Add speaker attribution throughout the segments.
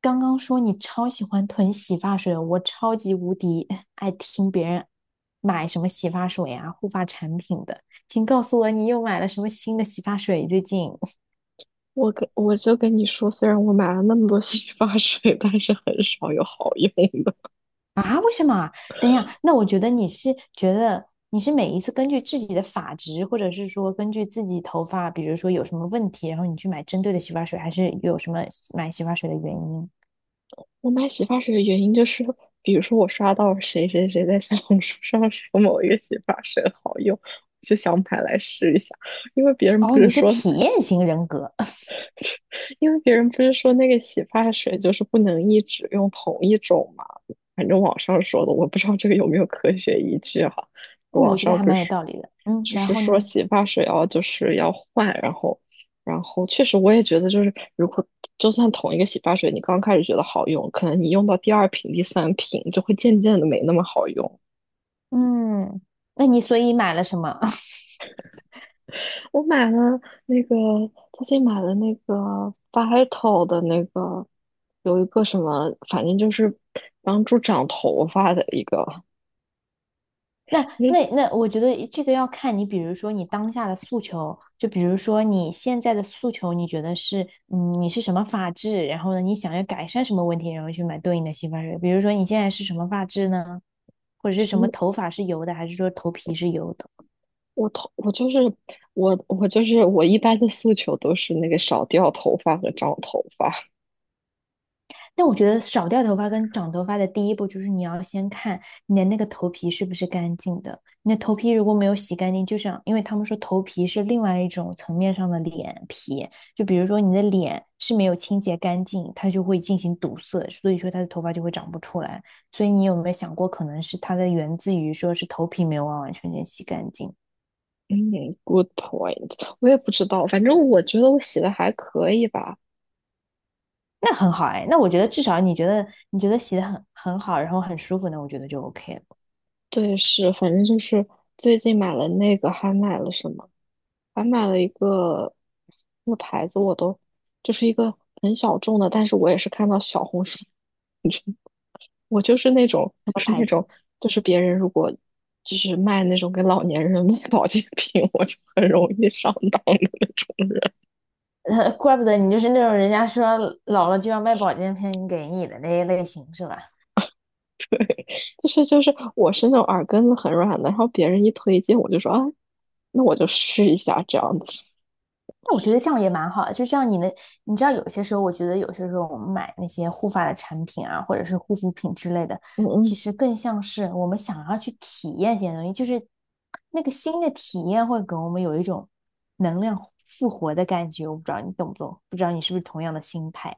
Speaker 1: 刚刚说你超喜欢囤洗发水的，我超级无敌爱听别人买什么洗发水呀、护发产品的。请告诉我你又买了什么新的洗发水？最近
Speaker 2: 我就跟你说，虽然我买了那么多洗发水，但是很少有好用的。
Speaker 1: 啊？为什么啊等一下，那我觉得你是每一次根据自己的发质，或者是说根据自己头发，比如说有什么问题，然后你去买针对的洗发水，还是有什么买洗发水的原因？
Speaker 2: 我买洗发水的原因就是，比如说我刷到谁谁谁在小红书上说某一个洗发水好用，我就想买来试一下。因为别人不
Speaker 1: 哦，你
Speaker 2: 是
Speaker 1: 是
Speaker 2: 说
Speaker 1: 体验型人格，
Speaker 2: 因为别人不是说那个洗发水就是不能一直用同一种嘛，反正网上说的，我不知道这个有没有科学依据哈。
Speaker 1: 哦，
Speaker 2: 网
Speaker 1: 我觉得
Speaker 2: 上
Speaker 1: 还
Speaker 2: 不
Speaker 1: 蛮有
Speaker 2: 是
Speaker 1: 道理的。嗯，
Speaker 2: 就
Speaker 1: 然
Speaker 2: 是
Speaker 1: 后
Speaker 2: 说
Speaker 1: 呢？
Speaker 2: 洗发水哦，就是要换，然后确实我也觉得就是如果就算同一个洗发水，你刚开始觉得好用，可能你用到第二瓶、第三瓶就会渐渐的没那么好用。
Speaker 1: 嗯，那你所以买了什么？
Speaker 2: 我买了那个，最近买了那个 Vital 的那个，有一个什么，反正就是帮助长头发的一个。
Speaker 1: 那
Speaker 2: 因为
Speaker 1: 那，我觉得这个要看你，比如说你当下的诉求，就比如说你现在的诉求，你觉得是，嗯，你是什么发质，然后呢，你想要改善什么问题，然后去买对应的洗发水。比如说你现在是什么发质呢？或者
Speaker 2: 我
Speaker 1: 是什么
Speaker 2: 心
Speaker 1: 头发是油的，还是说头皮是油的？
Speaker 2: 我头，我就是我，我就是我一般的诉求都是那个少掉头发和长头发。
Speaker 1: 但我觉得少掉头发跟长头发的第一步就是你要先看你的那个头皮是不是干净的。你的头皮如果没有洗干净，就像因为他们说头皮是另外一种层面上的脸皮，就比如说你的脸是没有清洁干净，它就会进行堵塞，所以说它的头发就会长不出来。所以你有没有想过，可能是它的源自于说是头皮没有完完全全洗干净？
Speaker 2: 嗯，good point。我也不知道，反正我觉得我洗的还可以吧。
Speaker 1: 那很好哎，那我觉得至少你觉得洗的很好，然后很舒服那我觉得就 OK 了。
Speaker 2: 对，是，反正就是最近买了那个，还买了什么？还买了一个那个牌子，我都就是一个很小众的，但是我也是看到小红书，我就是那种就是那种就是别人如果就是卖那种给老年人卖保健品，我就很容易上当的那种。
Speaker 1: 怪不得你就是那种人家说老了就要卖保健品给你的那一类型是吧？
Speaker 2: 我是那种耳根子很软的，然后别人一推荐我就说啊，那我就试一下这样子。
Speaker 1: 那我觉得这样也蛮好的，就像你的，你知道有些时候，我觉得有些时候我们买那些护发的产品啊，或者是护肤品之类的，其
Speaker 2: 嗯
Speaker 1: 实更像是我们想要去体验一些东西，就是那个新的体验会给我们有一种能量复活的感觉。我不知道你懂不懂，不知道你是不是同样的心态？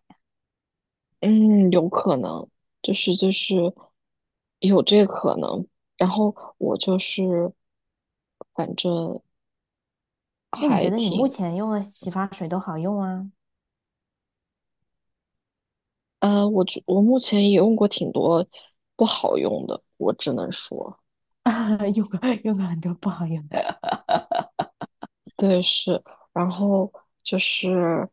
Speaker 2: 嗯嗯，有可能，就是就是有这个可能。然后我就是，反正
Speaker 1: 那你
Speaker 2: 还
Speaker 1: 觉得你目
Speaker 2: 挺。
Speaker 1: 前用的洗发水都好用啊？
Speaker 2: 我觉我目前也用过挺多不好用的，我只能说。
Speaker 1: 用过用过很多不好用的。
Speaker 2: 对，是，然后就是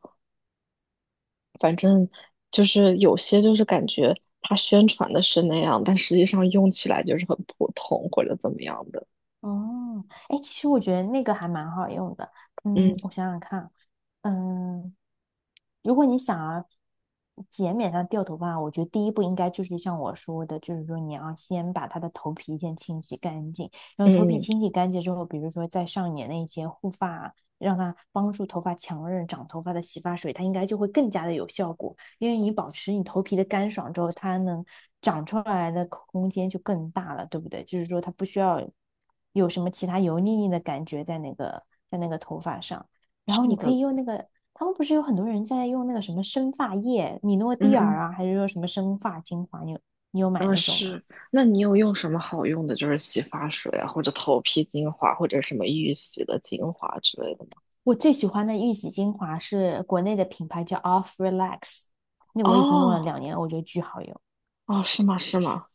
Speaker 2: 反正就是有些就是感觉它宣传的是那样，但实际上用起来就是很普通或者怎么样的。
Speaker 1: 哦，哎，其实我觉得那个还蛮好用的。嗯，
Speaker 2: 嗯
Speaker 1: 我想想看，嗯，如果你想要减免它掉头发，我觉得第一步应该就是像我说的，就是说你要先把它的头皮先清洗干净，然后头皮
Speaker 2: 嗯，
Speaker 1: 清洗干净之后，比如说再上一点那些护发，让它帮助头发强韧长头发的洗发水，它应该就会更加的有效果。因为你保持你头皮的干爽之后，它能长出来的空间就更大了，对不对？就是说它不需要有什么其他油腻腻的感觉在那个头发上，然
Speaker 2: 是
Speaker 1: 后你可
Speaker 2: 的。
Speaker 1: 以用那个，他们不是有很多人在用那个什么生发液，米诺
Speaker 2: 嗯
Speaker 1: 地尔
Speaker 2: 嗯，
Speaker 1: 啊，还是说什么生发精华？你有买
Speaker 2: 嗯
Speaker 1: 那种吗？
Speaker 2: 是，那你有用什么好用的，就是洗发水啊，或者头皮精华，或者什么预洗的精华之类的吗？
Speaker 1: 我最喜欢的玉玺精华是国内的品牌叫 Off Relax，那我已经用了
Speaker 2: 哦
Speaker 1: 2年了，我觉得巨好用。
Speaker 2: 哦，是吗？是吗？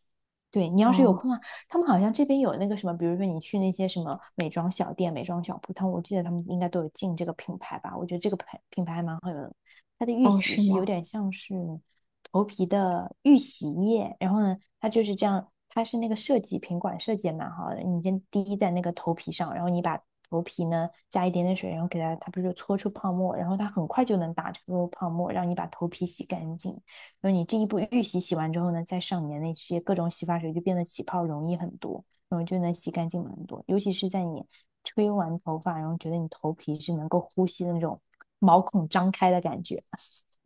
Speaker 1: 对你要是有
Speaker 2: 哦。
Speaker 1: 空啊，他们好像这边有那个什么，比如说你去那些什么美妆小店、美妆小铺，他们我记得他们应该都有进这个品牌吧？我觉得这个品牌还蛮好用的，它的预
Speaker 2: 哦，
Speaker 1: 洗
Speaker 2: 是
Speaker 1: 是有
Speaker 2: 吗？
Speaker 1: 点像是头皮的预洗液，然后呢，它就是这样，它是那个设计瓶管设计也蛮好的，你先滴在那个头皮上，然后你把头皮呢加一点点水，然后给它，它不是就搓出泡沫，然后它很快就能打出泡沫，让你把头皮洗干净。就是你这一步预洗洗完之后呢，再上你的那些各种洗发水，就变得起泡容易很多，然后就能洗干净很多。尤其是在你吹完头发，然后觉得你头皮是能够呼吸的那种毛孔张开的感觉。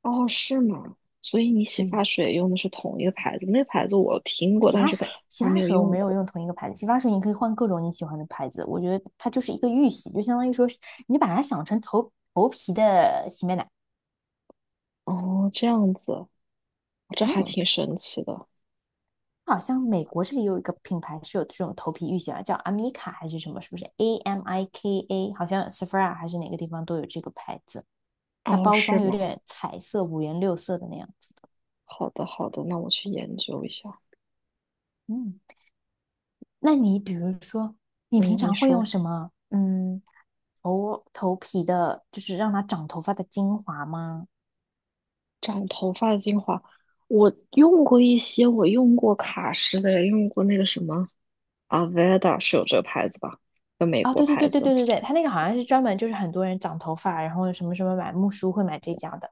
Speaker 2: 哦，是吗？所以你洗
Speaker 1: 对，
Speaker 2: 发水用的是同一个牌子，那个牌子我听过，
Speaker 1: 洗
Speaker 2: 但
Speaker 1: 发
Speaker 2: 是
Speaker 1: 水，洗
Speaker 2: 还没
Speaker 1: 发
Speaker 2: 有
Speaker 1: 水我
Speaker 2: 用
Speaker 1: 没有
Speaker 2: 过。
Speaker 1: 用同一个牌子，洗发水你可以换各种你喜欢的牌子。我觉得它就是一个预洗，就相当于说你把它想成头皮的洗面奶。
Speaker 2: 哦，这样子，这还
Speaker 1: 嗯，
Speaker 2: 挺神奇的。
Speaker 1: 好像美国这里有一个品牌是有这种头皮浴洗啊，叫 Amica 还是什么？是不是 A M I K A？好像 Sephora 还是哪个地方都有这个牌子，它
Speaker 2: 哦，
Speaker 1: 包
Speaker 2: 是
Speaker 1: 装有
Speaker 2: 吗？
Speaker 1: 点彩色、五颜六色的那样子。
Speaker 2: 好的，好的，那我去研究一下。
Speaker 1: 嗯，那你比如说，你平
Speaker 2: 嗯，你
Speaker 1: 常会
Speaker 2: 说
Speaker 1: 用什么？嗯，头皮的，就是让它长头发的精华吗？
Speaker 2: 长头发的精华，我用过一些，我用过卡诗的，也用过那个什么 Aveda, 是有这个牌子吧？个美
Speaker 1: 啊，
Speaker 2: 国
Speaker 1: 对对对
Speaker 2: 牌
Speaker 1: 对
Speaker 2: 子。
Speaker 1: 对对对，它那个好像是专门就是很多人长头发，然后什么什么买木梳会买这家的。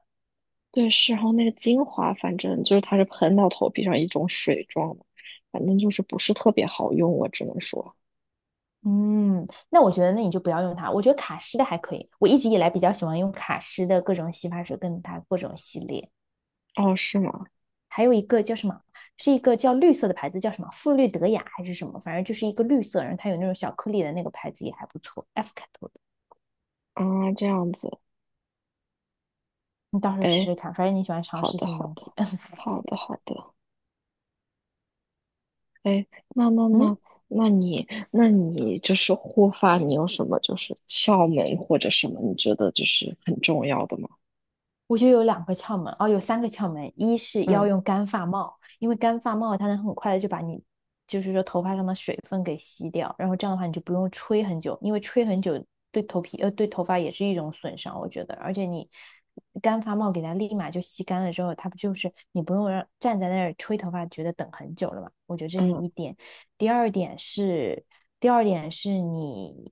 Speaker 2: 对，是，然后那个精华，反正就是它是喷到头皮上一种水状的，反正就是不是特别好用，我只能说。
Speaker 1: 嗯，那我觉得那你就不要用它。我觉得卡诗的还可以，我一直以来比较喜欢用卡诗的各种洗发水跟它各种系列。
Speaker 2: 哦，是吗？
Speaker 1: 还有一个叫什么，是一个叫绿色的牌子，叫什么馥绿德雅还是什么，反正就是一个绿色，然后它有那种小颗粒的那个牌子也还不错，F 开头的，
Speaker 2: 啊，这样子，
Speaker 1: 你到时候试
Speaker 2: 哎，
Speaker 1: 试看。反正你喜欢尝
Speaker 2: 好
Speaker 1: 试
Speaker 2: 的，
Speaker 1: 新
Speaker 2: 好
Speaker 1: 东西。
Speaker 2: 的，好的，好的，哎，那那那，
Speaker 1: 嗯，
Speaker 2: 那你，那你就是护发，你有什么就是窍门或者什么，你觉得就是很重要的吗？
Speaker 1: 我觉得有两个窍门，哦，有三个窍门，一是要
Speaker 2: 嗯
Speaker 1: 用干发帽，因为干发帽它能很快的就把你，就是说头发上的水分给吸掉，然后这样的话你就不用吹很久，因为吹很久对头皮对头发也是一种损伤，我觉得，而且你干发帽给它立马就吸干了之后，它不就是你不用让站在那儿吹头发，觉得等很久了嘛？我觉得这是
Speaker 2: 嗯。
Speaker 1: 一点。第二点是，第二点是你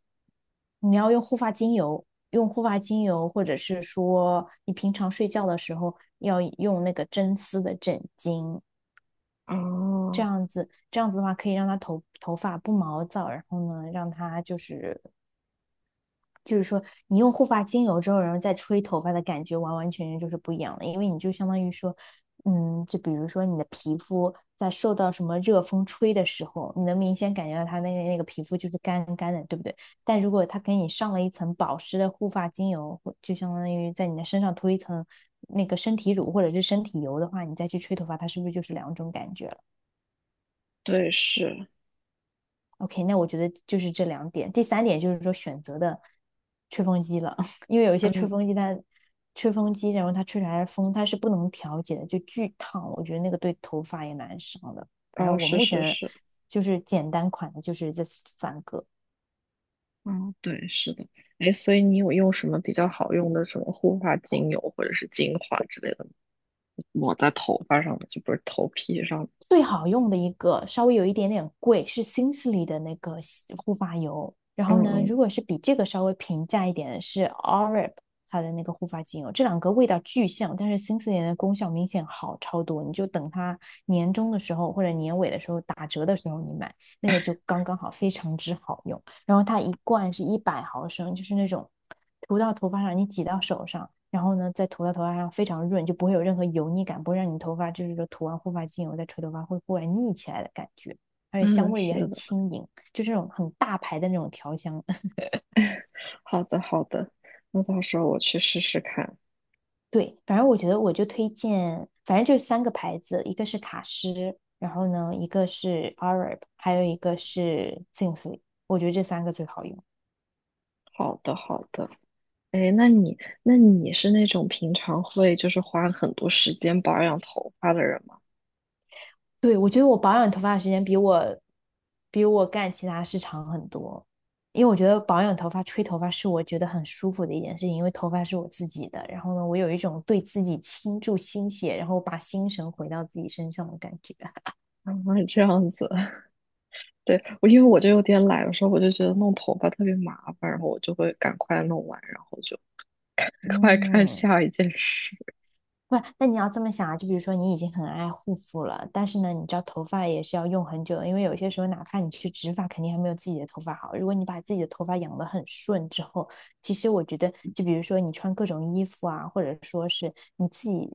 Speaker 1: 你要用护发精油，或者是说你平常睡觉的时候要用那个真丝的枕巾，
Speaker 2: 啊，
Speaker 1: 这样子的话可以让它头发不毛躁，然后呢，让它就是说，你用护发精油之后，然后再吹头发的感觉，完完全全就是不一样的，因为你就相当于说，嗯，就比如说你的皮肤在受到什么热风吹的时候，你能明显感觉到它那个皮肤就是干干的，对不对？但如果它给你上了一层保湿的护发精油，就相当于在你的身上涂一层那个身体乳或者是身体油的话，你再去吹头发，它是不是就是两种感觉？了？
Speaker 2: 对，是。
Speaker 1: OK，那我觉得就是这两点。第三点就是说选择的吹风机了，因为有一些吹
Speaker 2: 嗯。
Speaker 1: 风机它吹风机，然后它吹出来的风它是不能调节的，就巨烫。我觉得那个对头发也蛮伤的。反正
Speaker 2: 哦，
Speaker 1: 我
Speaker 2: 是
Speaker 1: 目
Speaker 2: 是
Speaker 1: 前
Speaker 2: 是。
Speaker 1: 就是简单款的，就是这三个。
Speaker 2: 嗯，对，是的。哎，所以你有用什么比较好用的什么护发精油或者是精华之类的抹在头发上的，就不是头皮上的。
Speaker 1: 最好用的一个，稍微有一点点贵，是新势力的那个护发油。然
Speaker 2: 嗯
Speaker 1: 后呢，
Speaker 2: 嗯，
Speaker 1: 如果是比这个稍微平价一点的是 Oreb 它的那个护发精油，这两个味道巨像，但是新势力的功效明显好超多。你就等它年终的时候或者年尾的时候打折的时候你买，那个就刚刚好，非常之好用。然后它一罐是100毫升，就是那种涂到头发上，你挤到手上，然后呢再涂到头发上，非常润，就不会有任何油腻感，不会让你头发就是说涂完护发精油再吹头发会忽然腻起来的感觉。而且香
Speaker 2: 嗯，
Speaker 1: 味也
Speaker 2: 是
Speaker 1: 很
Speaker 2: 的。
Speaker 1: 轻盈，就这种很大牌的那种调香。
Speaker 2: 好的好的，那到时候我去试试看。
Speaker 1: 对，反正我觉得我就推荐，反正就三个牌子，一个是卡诗，然后呢，一个是 Arab，还有一个是 Simply，我觉得这三个最好用。
Speaker 2: 好的好的。哎，那你是那种平常会就是花很多时间保养头发的人吗？
Speaker 1: 对，我觉得我保养头发的时间比我干其他事长很多，因为我觉得保养头发、吹头发是我觉得很舒服的一件事情，因为头发是我自己的。然后呢，我有一种对自己倾注心血，然后把心神回到自己身上的感觉。
Speaker 2: 啊，这样子。对，我因为我就有点懒，有时候我就觉得弄头发特别麻烦，然后我就会赶快弄完，然后就。赶快看
Speaker 1: 嗯，
Speaker 2: 下一件事。
Speaker 1: 不是那你要这么想啊，就比如说你已经很爱护肤了，但是呢，你知道头发也是要用很久的，因为有些时候哪怕你去植发，肯定还没有自己的头发好。如果你把自己的头发养得很顺之后，其实我觉得，就比如说你穿各种衣服啊，或者说是你自己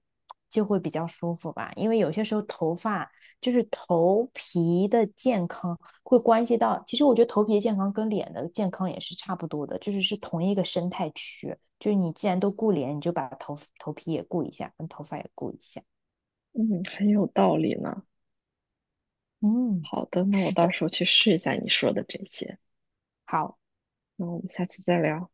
Speaker 1: 就会比较舒服吧。因为有些时候头发就是头皮的健康会关系到，其实我觉得头皮的健康跟脸的健康也是差不多的，就是是同一个生态区。就是你既然都顾脸，你就把头皮也顾一下，跟头发也顾一下。
Speaker 2: 嗯，很有道理呢。
Speaker 1: 嗯，
Speaker 2: 好的，那我
Speaker 1: 是
Speaker 2: 到
Speaker 1: 的，
Speaker 2: 时候去试一下你说的这些。
Speaker 1: 好，
Speaker 2: 那我们下次再聊。